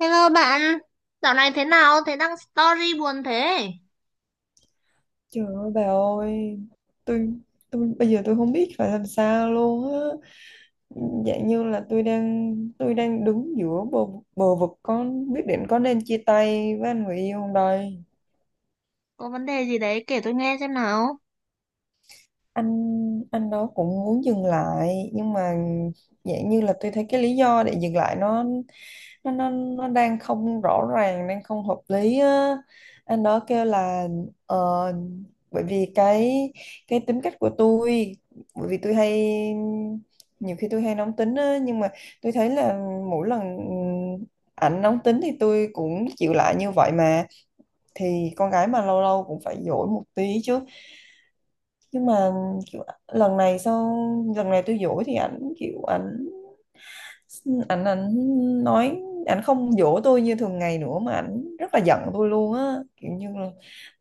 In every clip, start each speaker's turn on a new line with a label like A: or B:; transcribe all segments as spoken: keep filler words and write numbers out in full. A: Hello bạn, dạo này thế nào? Thế đăng story buồn thế?
B: Trời ơi bà ơi! Tôi tôi bây giờ tôi không biết phải làm sao luôn á. Dạng như là tôi đang tôi đang đứng giữa bờ bờ vực, có biết định có nên chia tay với anh người yêu không đây.
A: Có vấn đề gì đấy kể tôi nghe xem nào.
B: Anh anh đó cũng muốn dừng lại nhưng mà dạng như là tôi thấy cái lý do để dừng lại nó nó nó, nó đang không rõ ràng, đang không hợp lý á. Anh đó kêu là ờ, bởi vì cái cái tính cách của tôi, bởi vì tôi hay, nhiều khi tôi hay nóng tính á, nhưng mà tôi thấy là mỗi lần ảnh nóng tính thì tôi cũng chịu lại như vậy mà. Thì con gái mà lâu lâu cũng phải dỗi một tí chứ. Nhưng mà kiểu, lần này sau, lần này tôi dỗ thì ảnh kiểu ảnh ảnh ảnh nói, ảnh không dỗ tôi như thường ngày nữa mà ảnh rất là giận tôi luôn á, kiểu như là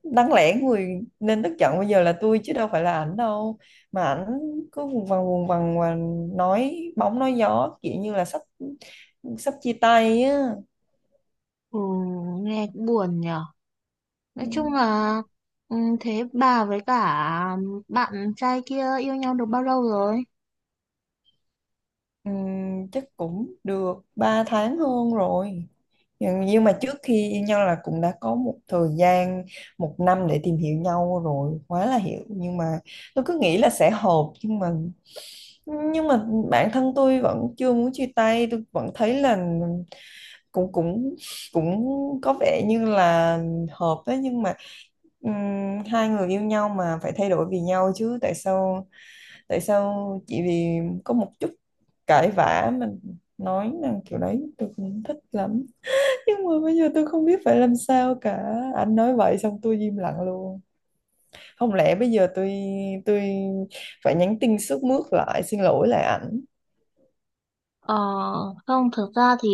B: đáng lẽ người nên tức giận bây giờ là tôi chứ đâu phải là ảnh đâu. Mà ảnh cứ vùng vằng vùng vằng và nói bóng nói gió kiểu như là sắp sắp chia tay á.
A: Ừ, nghe cũng buồn nhở.
B: Ừ.
A: Nói chung là ừ, thế bà với cả bạn trai kia yêu nhau được bao lâu rồi?
B: Ừm, chắc cũng được ba tháng hơn rồi, nhưng nhưng mà trước khi yêu nhau là cũng đã có một thời gian một năm để tìm hiểu nhau rồi, quá là hiểu. Nhưng mà tôi cứ nghĩ là sẽ hợp, nhưng mà nhưng mà bản thân tôi vẫn chưa muốn chia tay. Tôi vẫn thấy là cũng cũng cũng có vẻ như là hợp đấy, nhưng mà ừm, hai người yêu nhau mà phải thay đổi vì nhau chứ, tại sao, tại sao chỉ vì có một chút cãi vã mình nói rằng kiểu đấy, tôi không thích lắm. Nhưng mà bây giờ tôi không biết phải làm sao cả. Anh nói vậy xong tôi im lặng luôn. Không lẽ bây giờ tôi tôi phải nhắn tin sướt mướt lại, xin lỗi lại ảnh
A: Ờ, không, thực ra thì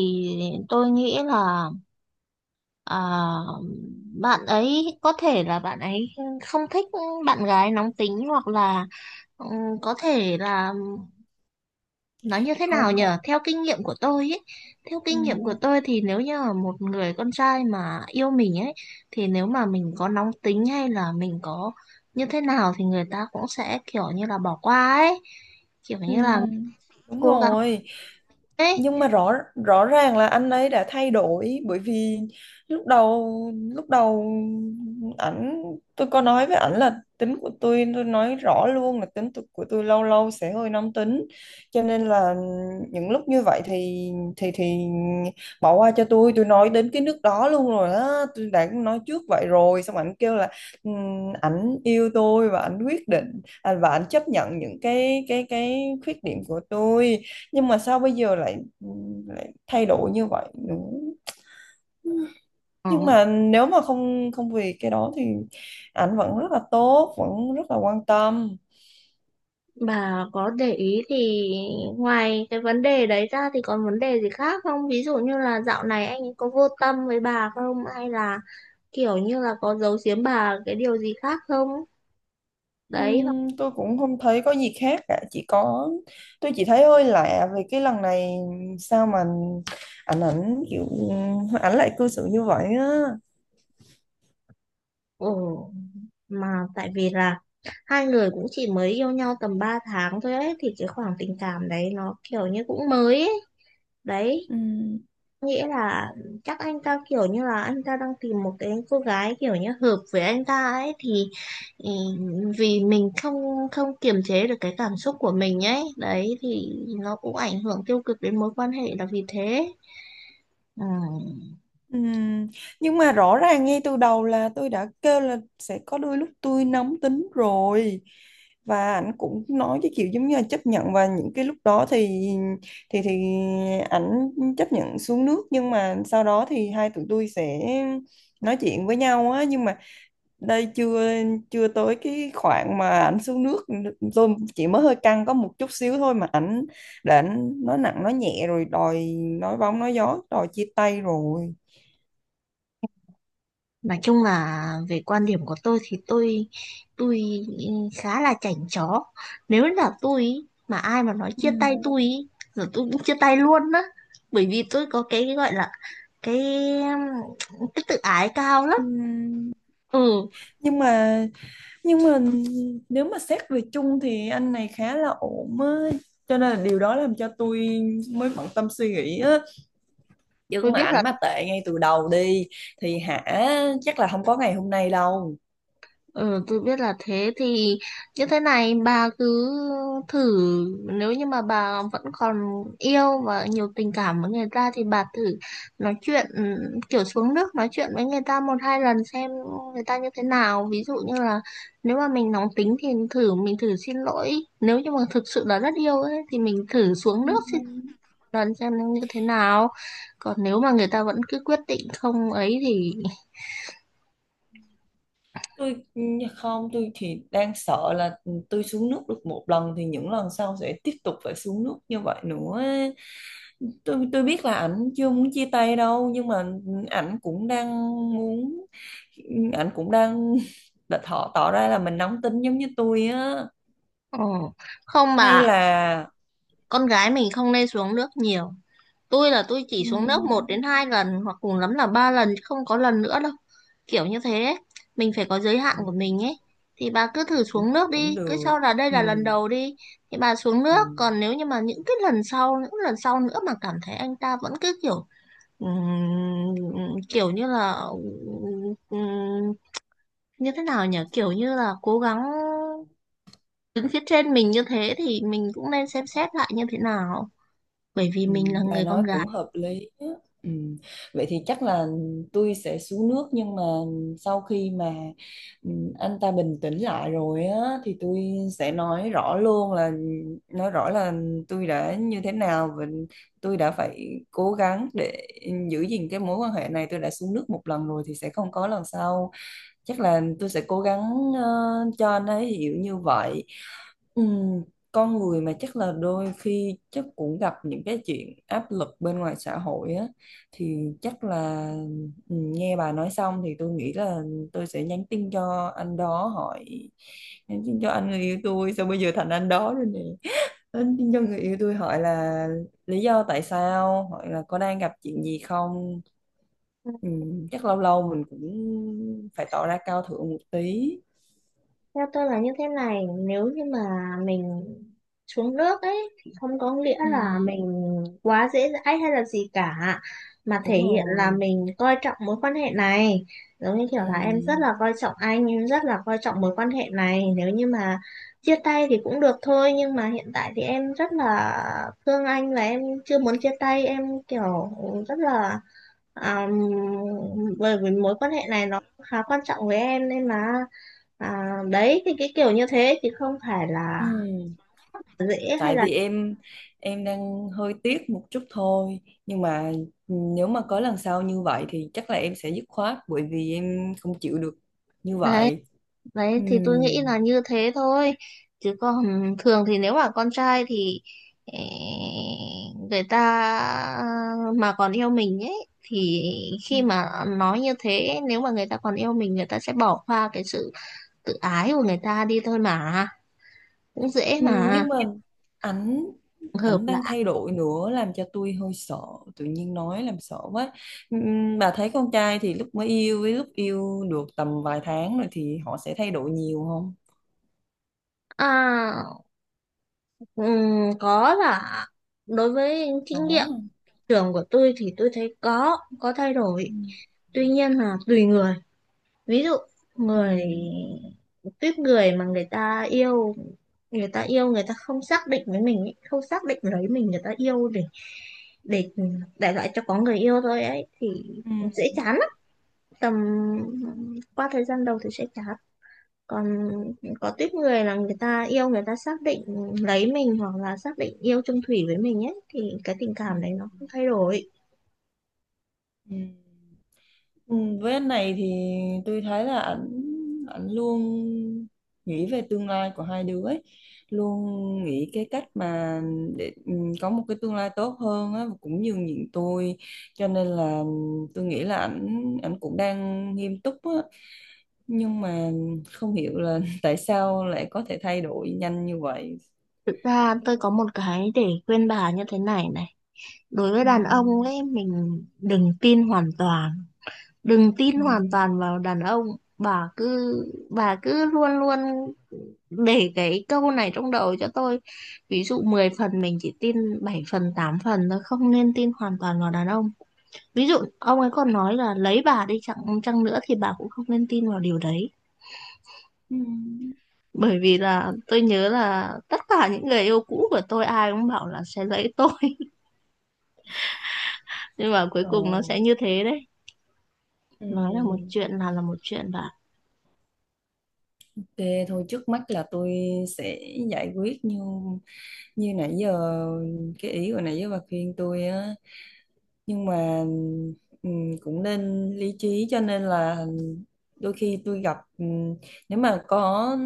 A: tôi nghĩ là à, bạn ấy có thể là bạn ấy không thích bạn gái nóng tính hoặc là ừ, có thể là nói như thế nào
B: không.
A: nhở, theo kinh nghiệm của tôi ấy, theo
B: Ừ.
A: kinh nghiệm của tôi thì nếu như là một người con trai mà yêu mình ấy thì nếu mà mình có nóng tính hay là mình có như thế nào thì người ta cũng sẽ kiểu như là bỏ qua ấy, kiểu
B: Ừ,
A: như là
B: đúng
A: cố gắng
B: rồi,
A: ấy.
B: nhưng mà rõ rõ ràng là anh ấy đã thay đổi. Bởi vì lúc đầu lúc đầu ảnh tôi có nói với ảnh là tính của tôi tôi nói rõ luôn là tính tu- của tôi lâu lâu sẽ hơi nóng tính, cho nên là những lúc như vậy thì thì thì bỏ qua cho tôi. Tôi nói đến cái nước đó luôn rồi á, tôi đã nói trước vậy rồi, xong ảnh kêu là "Ừm, ảnh yêu tôi và ảnh quyết định à, và ảnh chấp nhận những cái cái cái khuyết điểm của tôi, nhưng mà sao bây giờ lại, ừ, lại thay đổi như vậy, đúng.
A: Ờ,
B: Nhưng mà nếu mà không không vì cái đó thì ảnh vẫn rất là tốt, vẫn rất là quan tâm.
A: bà có để ý thì ngoài cái vấn đề đấy ra thì còn vấn đề gì khác không, ví dụ như là dạo này anh ấy có vô tâm với bà không hay là kiểu như là có giấu giếm bà cái điều gì khác không, đấy.
B: Ừm, tôi cũng không thấy có gì khác cả, chỉ có, tôi chỉ thấy hơi lạ vì cái lần này sao mà ảnh ảnh kiểu ảnh lại cư xử như vậy á.
A: Ồ, mà tại vì là hai người cũng chỉ mới yêu nhau tầm ba tháng thôi ấy, thì cái khoảng tình cảm đấy nó kiểu như cũng mới ấy. Đấy,
B: Ừm.
A: nghĩa là chắc anh ta kiểu như là anh ta đang tìm một cái cô gái kiểu như hợp với anh ta ấy thì ừ, vì mình không không kiềm chế được cái cảm xúc của mình ấy, đấy thì nó cũng ảnh hưởng tiêu cực đến mối quan hệ là vì thế. Ừ.
B: Ừm, nhưng mà rõ ràng ngay từ đầu là tôi đã kêu là sẽ có đôi lúc tôi nóng tính rồi, và ảnh cũng nói cái kiểu giống như là chấp nhận, và những cái lúc đó thì thì thì ảnh chấp nhận xuống nước, nhưng mà sau đó thì hai tụi tôi sẽ nói chuyện với nhau á. Nhưng mà đây chưa chưa tới cái khoảng mà ảnh xuống nước. Tôi chỉ mới hơi căng có một chút xíu thôi mà ảnh đã nói nặng nói nhẹ rồi đòi, nói bóng nói gió đòi chia tay rồi.
A: Nói chung là về quan điểm của tôi thì tôi tôi khá là chảnh chó. Nếu là tôi ý, mà ai mà nói chia tay
B: Ừ.
A: tôi ý, rồi tôi cũng chia tay luôn á. Bởi vì tôi có cái gọi là cái cái tự ái cao lắm.
B: Ừ.
A: Ừ,
B: Nhưng mà nhưng mà nếu mà xét về chung thì anh này khá là ổn á, cho nên là điều đó làm cho tôi mới bận tâm suy nghĩ á. Chứ
A: tôi
B: mà
A: biết
B: ảnh
A: là
B: mà tệ ngay từ đầu đi thì hả, chắc là không có ngày hôm nay đâu.
A: Ừ, tôi biết là thế thì như thế này bà cứ thử, nếu như mà bà vẫn còn yêu và nhiều tình cảm với người ta thì bà thử nói chuyện ừ, kiểu xuống nước nói chuyện với người ta một hai lần xem người ta như thế nào, ví dụ như là nếu mà mình nóng tính thì thử mình thử xin lỗi, nếu như mà thực sự là rất yêu ấy thì mình thử xuống
B: Ừ.
A: nước xin lỗi lần xem như thế nào, còn nếu mà người ta vẫn cứ quyết định không ấy thì
B: Tôi, không, tôi thì đang sợ là tôi xuống nước được một lần thì những lần sau sẽ tiếp tục phải xuống nước như vậy nữa. Tôi tôi biết là ảnh chưa muốn chia tay đâu, nhưng mà ảnh cũng đang muốn, ảnh cũng đang đã thọ tỏ ra là mình nóng tính giống như tôi á.
A: ừ, không
B: Hay
A: bà,
B: là
A: con gái mình không nên xuống nước nhiều. Tôi là tôi chỉ xuống nước một
B: ừm,
A: đến hai lần hoặc cùng lắm là ba lần chứ không có lần nữa đâu, kiểu như thế ấy. Mình phải có giới hạn của mình ấy, thì bà cứ thử
B: cũng
A: xuống nước
B: cũng
A: đi, cứ
B: được.
A: cho là đây là lần
B: Ừm,
A: đầu đi, thì bà xuống nước.
B: ừm.
A: Còn nếu như mà những cái lần sau những lần sau nữa mà cảm thấy anh ta vẫn cứ kiểu ừm, kiểu như là ừm, như thế nào nhỉ, kiểu như là cố gắng đứng phía trên mình như thế thì mình cũng nên xem xét lại như thế nào, bởi vì
B: Ừ,
A: mình là
B: bà
A: người
B: nói
A: con
B: cũng
A: gái.
B: hợp lý á. Ừ. Vậy thì chắc là tôi sẽ xuống nước, nhưng mà sau khi mà ừ, anh ta bình tĩnh lại rồi á thì tôi sẽ nói rõ luôn là, nói rõ là tôi đã như thế nào, và tôi đã phải cố gắng để giữ gìn cái mối quan hệ này. Tôi đã xuống nước một lần rồi thì sẽ không có lần sau. Chắc là tôi sẽ cố gắng ờ, cho anh ấy hiểu như vậy. Ừ, con người mà chắc là đôi khi chắc cũng gặp những cái chuyện áp lực bên ngoài xã hội á, thì chắc là, ừ, nghe bà nói xong thì tôi nghĩ là tôi sẽ nhắn tin cho anh đó hỏi, nhắn tin cho anh người yêu tôi, sao bây giờ thành anh đó rồi nè, nhắn tin cho người yêu tôi hỏi là lý do tại sao, hỏi là có đang gặp chuyện gì không. Ừ, chắc lâu lâu mình cũng phải tỏ ra cao thượng một tí.
A: Theo tôi là như thế này, nếu như mà mình xuống nước ấy thì không có nghĩa
B: Ừ,
A: là mình quá dễ dãi hay là gì cả, mà thể
B: đúng
A: hiện là
B: rồi.
A: mình coi trọng mối quan hệ này. Giống như kiểu
B: Ừ.
A: là em rất là coi trọng anh, em rất là coi trọng mối quan hệ này. Nếu như mà chia tay thì cũng được thôi, nhưng mà hiện tại thì em rất là thương anh và em chưa muốn chia tay, em kiểu rất là À, bởi vì mối quan hệ này nó khá quan trọng với em nên là À, đấy thì cái kiểu như thế thì không phải là
B: Ừ,
A: dễ hay
B: tại
A: là
B: vì em em đang hơi tiếc một chút thôi, nhưng mà nếu mà có lần sau như vậy thì chắc là em sẽ dứt khoát, bởi vì em không chịu được như
A: đấy,
B: vậy.
A: đấy
B: Ừ.
A: thì tôi nghĩ là như thế thôi, chứ còn thường thì nếu mà con trai thì ê, người ta mà còn yêu mình ấy thì
B: Ừ.
A: khi mà nói như thế nếu mà người ta còn yêu mình người ta sẽ bỏ qua cái sự tự ái của người ta đi thôi mà, cũng dễ
B: Ừ,
A: mà
B: nhưng mà ảnh
A: hợp
B: ảnh
A: là
B: đang thay đổi nữa làm cho tôi hơi sợ, tự nhiên nói làm sợ quá. Ừ, bà thấy con trai thì lúc mới yêu với lúc yêu được tầm vài tháng rồi thì họ sẽ thay đổi nhiều không?
A: à ừm, có là đối với kinh nghiệm
B: Có.
A: trường của tôi thì tôi thấy có có thay
B: Ừ.
A: đổi, tuy nhiên là tùy người, ví dụ
B: Ừ.
A: người tuyết người mà người ta yêu người ta yêu người ta không xác định với mình ấy, không xác định lấy mình, người ta yêu để để để lại cho có người yêu thôi ấy thì
B: Ừ.
A: dễ chán lắm, tầm qua thời gian đầu thì sẽ chán, còn có tuyết người là người ta yêu người ta xác định lấy mình hoặc là xác định yêu chung thủy với mình ấy thì cái tình
B: Ừ.
A: cảm đấy nó không thay đổi.
B: Ừ. Ừ, với anh này thì tôi thấy là ảnh ảnh luôn nghĩ về tương lai của hai đứa ấy. Luôn nghĩ cái cách mà để, ừ, có một cái tương lai tốt hơn á, cũng nhường nhịn tôi, cho nên là tôi nghĩ là ảnh ảnh cũng đang nghiêm túc á. Nhưng mà không hiểu là tại sao lại có thể thay đổi nhanh như vậy.
A: Thực ra tôi có một cái để khuyên bà như thế này này. Đối với
B: Ừ,
A: đàn ông ấy, mình đừng tin hoàn toàn. Đừng tin
B: ừ,
A: hoàn toàn vào đàn ông. Bà cứ, bà cứ luôn luôn để cái câu này trong đầu cho tôi. Ví dụ mười phần mình chỉ tin bảy phần, tám phần thôi. Không nên tin hoàn toàn vào đàn ông. Ví dụ ông ấy còn nói là lấy bà đi chăng, chăng nữa thì bà cũng không nên tin vào điều đấy.
B: ừ.
A: Bởi vì là tôi nhớ là tất cả những người yêu cũ của tôi ai cũng bảo là sẽ lấy tôi, nhưng mà cuối cùng nó
B: Rồi.
A: sẽ như thế đấy,
B: Ừ.
A: nói là một chuyện là là một chuyện bạn.
B: Thế thôi, trước mắt là tôi sẽ giải quyết như như nãy giờ, cái ý của nãy giờ bà khuyên tôi á. Nhưng mà ừm, cũng nên lý trí, cho nên là đôi khi tôi gặp, ừm, nếu mà có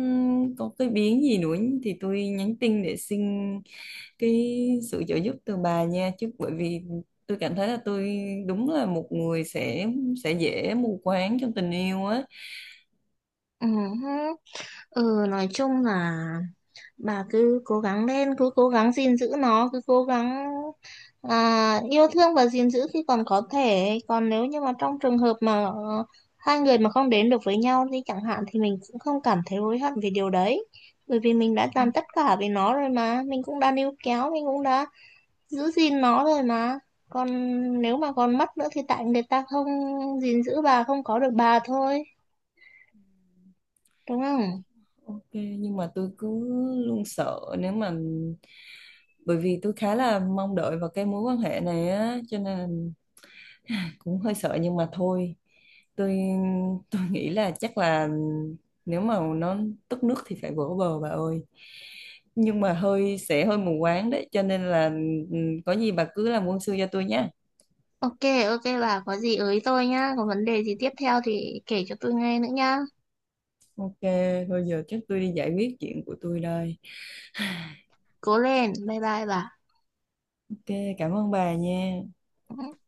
B: có cái biến gì nữa thì tôi nhắn tin để xin cái sự trợ giúp từ bà nha. Chứ bởi vì tôi cảm thấy là tôi đúng là một người sẽ sẽ dễ mù quáng trong tình yêu á.
A: Ừ, hứ. Ừ nói chung là bà cứ cố gắng lên, cứ cố gắng gìn giữ nó, cứ cố gắng à, yêu thương và gìn giữ khi còn có thể, còn nếu như mà trong trường hợp mà ờ, hai người mà không đến được với nhau thì chẳng hạn thì mình cũng không cảm thấy hối hận về điều đấy, bởi vì mình đã
B: Ừ,
A: làm tất cả vì nó rồi mà, mình cũng đã níu kéo, mình cũng đã giữ gìn nó rồi mà, còn nếu mà còn mất nữa thì tại người ta không gìn giữ bà, không có được bà thôi, đúng không?
B: Ok, nhưng mà tôi cứ luôn sợ nếu mà, bởi vì tôi khá là mong đợi vào cái mối quan hệ này á, cho nên cũng hơi sợ. Nhưng mà thôi, tôi tôi nghĩ là chắc là nếu mà nó tức nước thì phải vỗ bờ bà ơi. Nhưng mà hơi sẽ hơi mù quáng đấy, cho nên là, ừ, có gì bà cứ làm quân sư cho tôi nhé.
A: Ok, ok bà có gì ới tôi nhá, có vấn đề gì tiếp theo thì kể cho tôi nghe nữa nhá.
B: Ok thôi giờ chắc tôi đi giải quyết chuyện của tôi đây.
A: Cố lên, bye bye
B: Ok cảm ơn bà nha.
A: bà.